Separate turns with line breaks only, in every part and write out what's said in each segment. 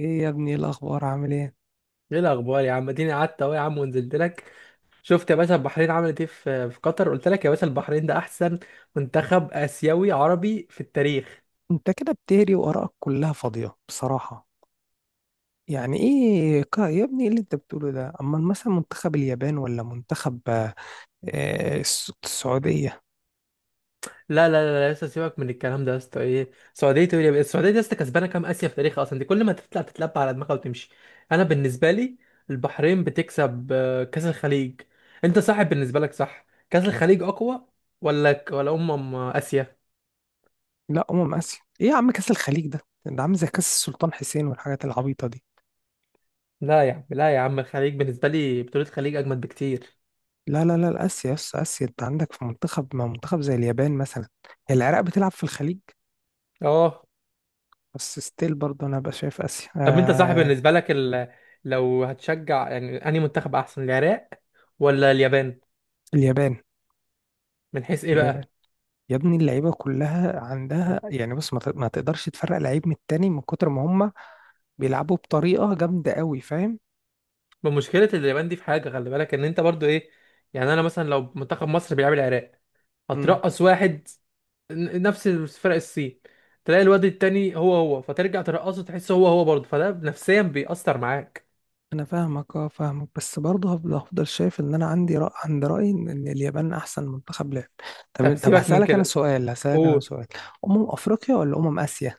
ايه يا ابني، إيه الاخبار؟ عامل ايه؟
ايه الاخبار يا عم، اديني قعدت اهو يا عم ونزلت لك. شفت يا باشا البحرين عملت ايه في قطر؟ قلت لك يا باشا البحرين ده احسن منتخب اسيوي عربي في التاريخ.
انت كده بتهري وارائك كلها فاضيه بصراحه. يعني ايه يا ابني، ايه اللي انت بتقوله ده؟ اما مثلا منتخب اليابان ولا منتخب السعوديه.
لا، يا اسطى سيبك من الكلام ده يا اسطى، ايه السعوديه تقول السعوديه دي يا اسطى كسبانه كام اسيا في تاريخها اصلا؟ دي كل ما تطلع تتلبى على دماغها وتمشي. انا بالنسبه لي البحرين بتكسب كاس الخليج. انت صاحب بالنسبه لك، صح كاس الخليج اقوى ولا ولا اسيا؟
لا، اسيا ايه يا عم؟ كاس الخليج ده ده عامل زي كاس السلطان حسين والحاجات العبيطه دي.
لا يا عم لا يا عم، الخليج بالنسبه لي بطوله الخليج اجمد بكتير.
لا لا لا، اسيا، يس اسيا. انت عندك في منتخب، ما منتخب زي اليابان مثلا. هي العراق بتلعب في الخليج؟
اه.
بس ستيل برضه انا بقى شايف اسيا
طب انت صاحب
آه
بالنسبه لك لو هتشجع يعني انهي منتخب احسن، العراق ولا اليابان؟
اليابان.
من حيث ايه
اليابان
بقى؟
يا ابني، اللعيبه كلها عندها. يعني بص، ما تقدرش تفرق لعيب من التاني من كتر ما هم بيلعبوا بطريقه جامده قوي، فاهم؟
بمشكله اليابان دي في حاجه، خلي بالك ان انت برضو ايه، يعني انا مثلا لو منتخب مصر بيلعب العراق
امم.
هترقص واحد. نفس فرق الصين تلاقي الواد التاني هو هو، فترجع ترقصه تحس هو هو برضه، فده نفسيا بيأثر معاك.
انا فاهمك، اه، فاهمك. بس برضه هفضل شايف ان انا عندي عند رايي إن اليابان احسن منتخب لعب.
طب
طب، طب،
سيبك من
هسالك انا
كده،
سؤال هسالك انا
قول.
سؤال افريقيا ولا اسيا؟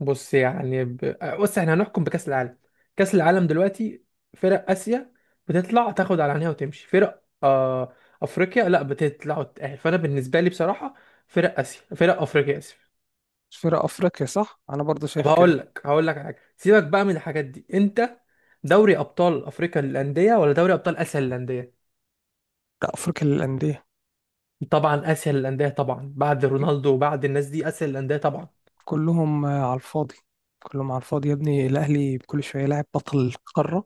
بص احنا هنحكم بكأس العالم. كأس العالم دلوقتي، فرق آسيا بتطلع تاخد على عينيها وتمشي، فرق أفريقيا لا بتطلع وتتأهل. فأنا بالنسبة لي بصراحة فرق آسيا، فرق أفريقيا، آسف.
فرق افريقيا، صح، انا برضه
طب
شايف كده.
هقول لك على حاجة، سيبك بقى من الحاجات دي. أنت دوري أبطال أفريقيا للأندية ولا دوري أبطال آسيا للأندية؟
لا، افريقيا للانديه.
طبعا آسيا للأندية، طبعا بعد رونالدو وبعد الناس دي آسيا للأندية طبعا.
كلهم على الفاضي. كلهم على الفاضي يا ابني، الاهلي كل شويه لاعب بطل القاره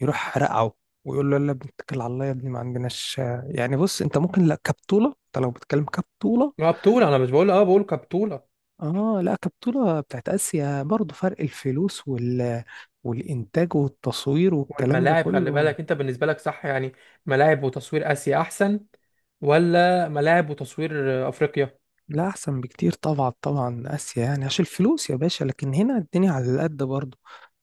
يروح رقعه ويقول له يلا يا ابني اتكل على الله، يا ابني ما عندناش. يعني بص، انت ممكن، لا كبطولة، انت لو بتتكلم كبطولة.
ما بطولة، أنا مش بقول اه، بقول كبطولة.
اه، لا، كبطولة بتاعت اسيا برضه، فرق الفلوس والانتاج والتصوير والكلام ده
والملاعب خلي
كله.
بالك، انت بالنسبه لك صح يعني ملاعب وتصوير اسيا احسن ولا ملاعب وتصوير افريقيا؟
لا، احسن بكتير طبعا، طبعا اسيا يعني عشان الفلوس يا باشا، لكن هنا الدنيا على قد برضه.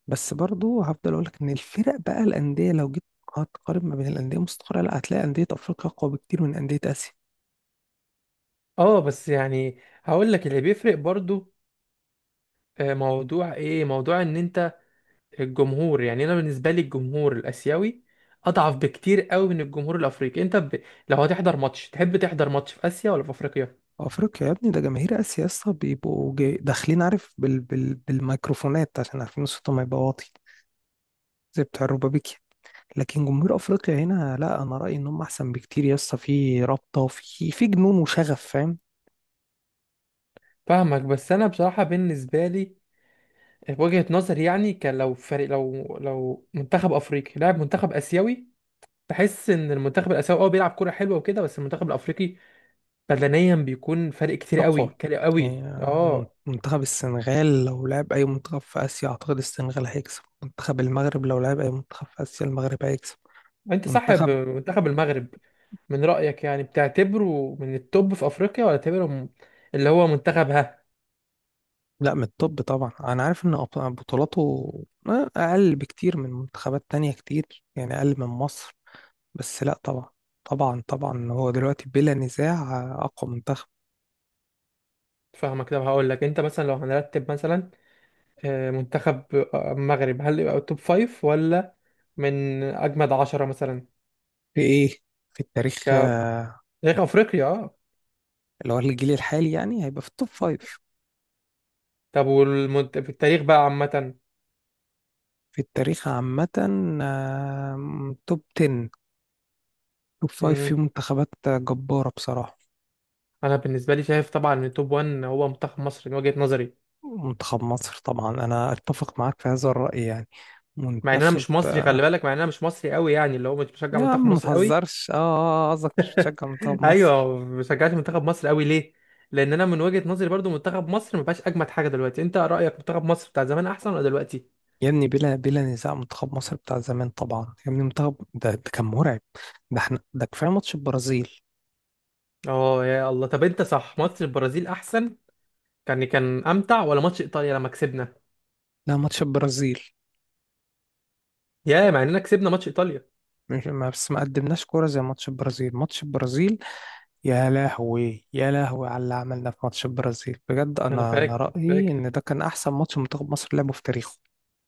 بس برضه هفضل اقول لك ان الفرق بقى الاندية. لو جيت هتقارن ما بين الاندية مستقرة، لا، هتلاقي اندية افريقيا اقوى بكتير من اندية اسيا.
اه بس يعني هقول لك اللي بيفرق برضو موضوع ايه، موضوع ان انت الجمهور، يعني انا بالنسبه لي الجمهور الاسيوي اضعف بكتير قوي من الجمهور الافريقي. لو هتحضر ماتش تحب تحضر ماتش في اسيا ولا في افريقيا؟
افريقيا يا ابني! ده جماهير اسيا يا اسطى بيبقوا داخلين عارف بالميكروفونات عشان عارفين صوتهم هيبقى واطي زي بتاع الربابيكي. لكن جمهور افريقيا هنا لا، انا رايي انهم احسن بكتير يا اسطى، في رابطه وفي جنون وشغف، فاهم؟
فاهمك، بس انا بصراحه بالنسبه لي وجهه نظري يعني، كان لو فريق، لو منتخب افريقي لاعب منتخب اسيوي بحس ان المنتخب الاسيوي اه بيلعب كوره حلوه وكده، بس المنتخب الافريقي بدنيا بيكون فرق كتير قوي،
اقوى
كتير
يعني.
قوي
يعني
اه.
منتخب السنغال لو لعب اي منتخب في اسيا اعتقد السنغال هيكسب، منتخب المغرب لو لعب اي منتخب في اسيا المغرب هيكسب.
انت صاحب
منتخب.
منتخب المغرب من رايك يعني بتعتبره من التوب في افريقيا ولا تعتبره اللي هو منتخب، ها؟
لا، من الطب طبعا، انا عارف ان بطولاته اقل بكتير من منتخبات تانية كتير يعني اقل من مصر. بس لا، طبعا. طبعا طبعا هو دلوقتي بلا نزاع اقوى منتخب.
فاهمك. طب هقول لك، انت مثلا لو هنرتب مثلا منتخب المغرب، هل يبقى توب فايف ولا من اجمد عشرة مثلا،
في ايه؟ في التاريخ
ك-
آه،
تاريخ افريقيا اه؟
اللي هو الجيل الحالي يعني هيبقى في التوب فايف.
طب في التاريخ بقى عامه.
في التاريخ عامة توب 10، توب فايف، في منتخبات جبارة بصراحة.
انا بالنسبه لي شايف طبعا ان توب 1 هو منتخب مصر من وجهه نظري.
منتخب مصر طبعا، انا اتفق معاك في هذا الرأي يعني.
مع ان انا
منتخب.
مش مصري، خلي بالك، مع ان انا مش مصري قوي يعني، اللي هو مش بشجع
يا عم
منتخب
ما
مصر قوي.
تهزرش قصدك مش بتشجع منتخب مصر؟
ايوه، ما بشجعش منتخب مصر قوي. ليه؟ لان انا من وجهه نظري برضو منتخب مصر ما بقاش اجمد حاجه دلوقتي. انت رايك منتخب مصر بتاع زمان احسن ولا دلوقتي؟
يا ابني بلا نزاع منتخب مصر بتاع زمان طبعا يا ابني، منتخب ده كان مرعب. ده احنا ده كفايه ماتش البرازيل.
اه يا الله. طب انت صح، ماتش البرازيل احسن، كان كان امتع، ولا ماتش ايطاليا لما كسبنا؟
لا، ماتش البرازيل.
يا مع اننا كسبنا ماتش ايطاليا.
مش ما بس ما قدمناش كوره زي ماتش البرازيل، ماتش البرازيل. يا لهوي، يا لهوي على اللي عملنا في ماتش البرازيل بجد،
انا
انا
فاكر
رايي
فاكر
ان ده كان احسن ماتش منتخب مصر لعبه في تاريخه.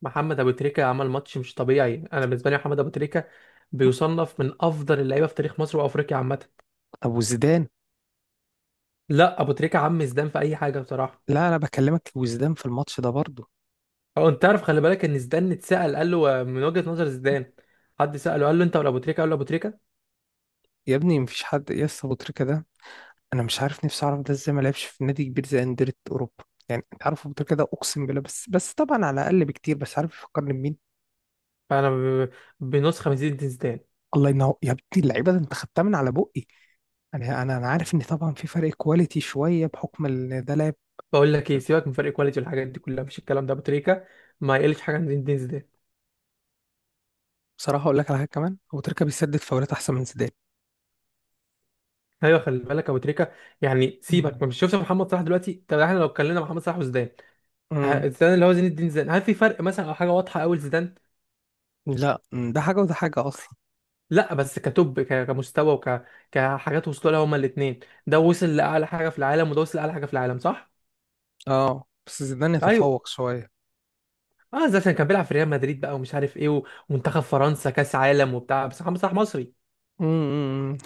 محمد ابو تريكه عمل ماتش مش طبيعي. انا بالنسبه لي محمد ابو تريكه بيصنف من افضل اللعيبه في تاريخ مصر وافريقيا عامه.
طب وزيدان؟
لا، ابو تريكه عم زيدان في اي حاجه بصراحه.
لا، انا بكلمك وزيدان في الماتش ده برضه.
او انت تعرف، خلي بالك ان زيدان اتسال، قال له من وجهه نظر زيدان، حد ساله قال له انت ولا ابو تريكه؟ قال له ابو تريكه.
يا ابني مفيش حد يا اسطى، أبو تريكة ده انا مش عارف نفسي اعرف ده ازاي ما لعبش في نادي كبير زي انديه اوروبا. يعني انت عارف أبو تريكة ده، اقسم بالله، بس طبعا على اقل بكتير، بس عارف يفكرني بمين؟
فانا ب- بنسخه من زين زيدان.
الله ينور يا ابني، اللعيبه ده انت خدتها من على بقي. انا عارف ان طبعا في فرق كواليتي شويه بحكم ان ده لاعب.
بقول لك ايه، سيبك من فرق كواليتي والحاجات دي كلها، مفيش الكلام ده، ابو تريكه ما يقلش حاجه عن زين زيدان.
بصراحه اقول لك على حاجه كمان، أبو تريكة بيسدد فاولات احسن من زيدان.
ايوه، خلي بالك ابو تريكه يعني، سيبك،
مم.
ما مش شفت محمد صلاح دلوقتي؟ طب احنا لو اتكلمنا محمد صلاح وزيدان،
مم.
زيدان اللي هو زين الدين زيدان، هل في فرق مثلا او حاجه واضحه قوي لزيدان؟
لا، ده حاجه وده حاجه اصلا.
لا بس كمستوى كحاجات وصلوا لها هما الاثنين، ده وصل لاعلى حاجه في العالم وده وصل لاعلى حاجه في العالم، صح؟
اه بس زيدان
ايوه.
يتفوق شويه.
اه، ده عشان كان بيلعب في ريال مدريد بقى ومش عارف ايه ومنتخب فرنسا كاس عالم وبتاع، بس محمد صلاح مصري.
مم.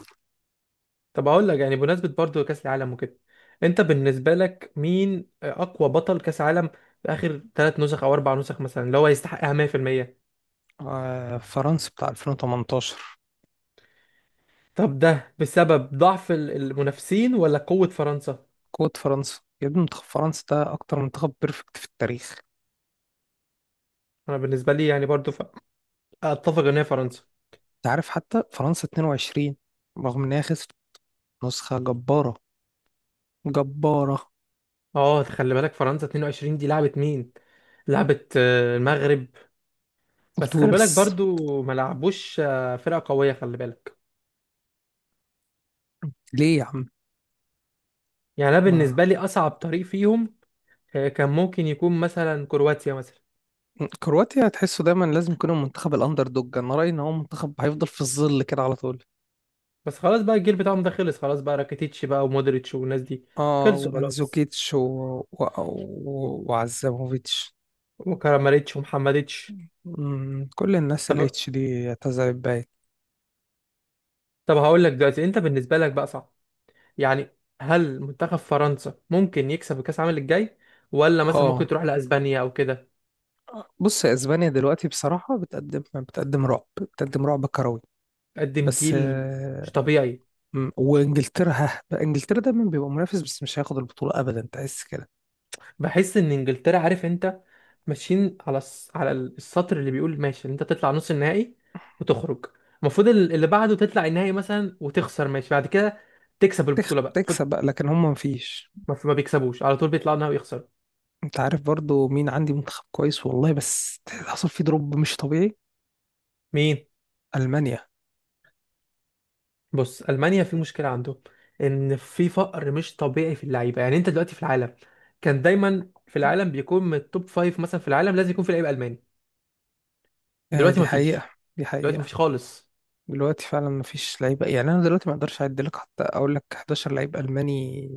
طب اقول لك يعني، بمناسبه برضو كاس العالم وكده، انت بالنسبه لك مين اقوى بطل كاس عالم في اخر ثلاث نسخ او اربع نسخ مثلا، اللي هو يستحقها 100%؟
آه، فرنسا بتاع 2018.
طب ده بسبب ضعف المنافسين ولا قوه فرنسا؟
قوة فرنسا يا ابني، منتخب فرنسا ده أكتر منتخب بيرفكت في التاريخ.
انا بالنسبه لي يعني برضو اتفق ان هي فرنسا.
أنت عارف حتى فرنسا 22، رغم إن هي خسرت، نسخة جبارة، جبارة.
اه، خلي بالك فرنسا 22 دي لعبت مين؟ لعبت المغرب، بس خلي بالك
وتونس.
برضو ما لعبوش فرقه قويه خلي بالك.
ليه يا عم؟
يعني انا
ما.
بالنسبه لي اصعب طريق فيهم كان ممكن يكون مثلا كرواتيا مثلا.
كرواتيا هتحسه دايما لازم يكون المنتخب الأندر دوج. أنا رأيي إن هو منتخب هيفضل في الظل كده على طول.
بس خلاص بقى الجيل بتاعهم ده خلص خلاص بقى، راكيتيتش بقى ومودريتش والناس دي،
آه،
خلصوا خلاص،
ومنزوكيتش وعزاموفيتش.
وكراماريتش ومحمديتش.
كل الناس
طب
الاتش دي اعتزلت باين.
طب هقول لك دلوقتي، انت بالنسبه لك بقى صعب يعني، هل منتخب فرنسا ممكن يكسب كأس العالم الجاي، ولا مثلا
آه،
ممكن تروح لأسبانيا أو كده؟
بص، يا اسبانيا دلوقتي بصراحة بتقدم، بتقدم رعب، بتقدم رعب كروي.
قدم
بس
جيل مش طبيعي.
وانجلترا، ها بقى، انجلترا دايما بيبقى منافس بس مش هياخد البطولة ابدا، تحس كده.
بحس إن إنجلترا عارف أنت ماشيين على على السطر اللي بيقول ماشي إن أنت تطلع نص النهائي وتخرج، المفروض اللي بعده تطلع النهائي مثلا وتخسر ماشي، بعد كده تكسب البطولة بقى، خد.
تكسب بقى، لكن هم مفيش.
ما بيكسبوش على طول، بيطلعوا النهائي ويخسروا.
انت عارف برضو مين عندي منتخب كويس والله، بس حصل فيه دروب مش طبيعي؟
مين؟
المانيا.
بص المانيا في مشكله عندهم، ان في فقر مش طبيعي في اللعيبه. يعني انت دلوقتي في العالم، كان دايما في العالم بيكون من التوب فايف، مثلا في العالم لازم يكون في لعيب الماني.
آه،
دلوقتي
دي
مفيش،
حقيقة. دي
دلوقتي
حقيقة.
مفيش خالص.
دلوقتي فعلا مفيش لعيبة، يعني أنا دلوقتي ما أقدرش أعد لك حتى أقول لك 11 لعيب ألماني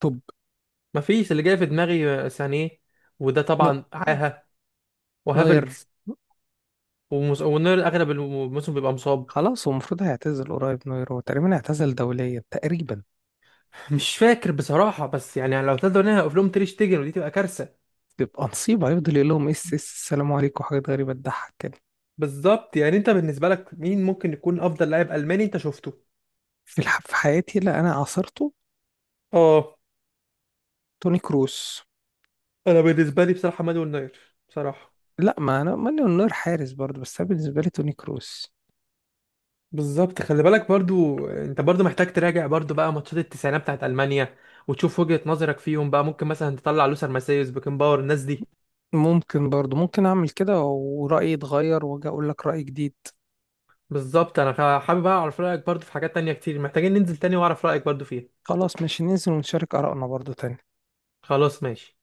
توب.
مفيش، اللي جاي في دماغي سانيه، وده
نو
طبعا عاهه،
نوير.
وهافرتز، ونير اغلب الموسم بيبقى مصاب.
خلاص، هو المفروض هيعتزل قريب، نوير هو تقريبا اعتزل دوليا تقريبا.
مش فاكر بصراحه، بس يعني لو تقدر هنا اقف لهم تير شتيجن ودي تبقى كارثه.
بيبقى نصيب هيفضل يقول لهم اس السلام عليكم وحاجات غريبة تضحك كده.
بالظبط. يعني انت بالنسبه لك مين ممكن يكون افضل لاعب الماني انت شفته؟
في في حياتي؟ لا انا عاصرته.
اه.
توني كروس.
انا بالنسبه لي بصراحه مانويل نوير بصراحه.
لا، ما انا ماني النور حارس برضه، بس أنا بالنسبة لي توني كروس.
بالظبط، خلي بالك برضو، انت برضو محتاج تراجع برضو بقى ماتشات التسعينات بتاعت المانيا وتشوف وجهة نظرك فيهم بقى، ممكن مثلا تطلع لوسر ماسيوس بيكنباور، الناس دي.
ممكن برضه، ممكن اعمل كده ورأيي يتغير واجي اقول لك رأي جديد.
بالظبط. انا حابب اعرف رايك برضو في حاجات تانية كتير، محتاجين ننزل تاني واعرف رايك برضو فيها.
خلاص ماشي، ننزل ونشارك آرائنا برضه تاني.
خلاص ماشي.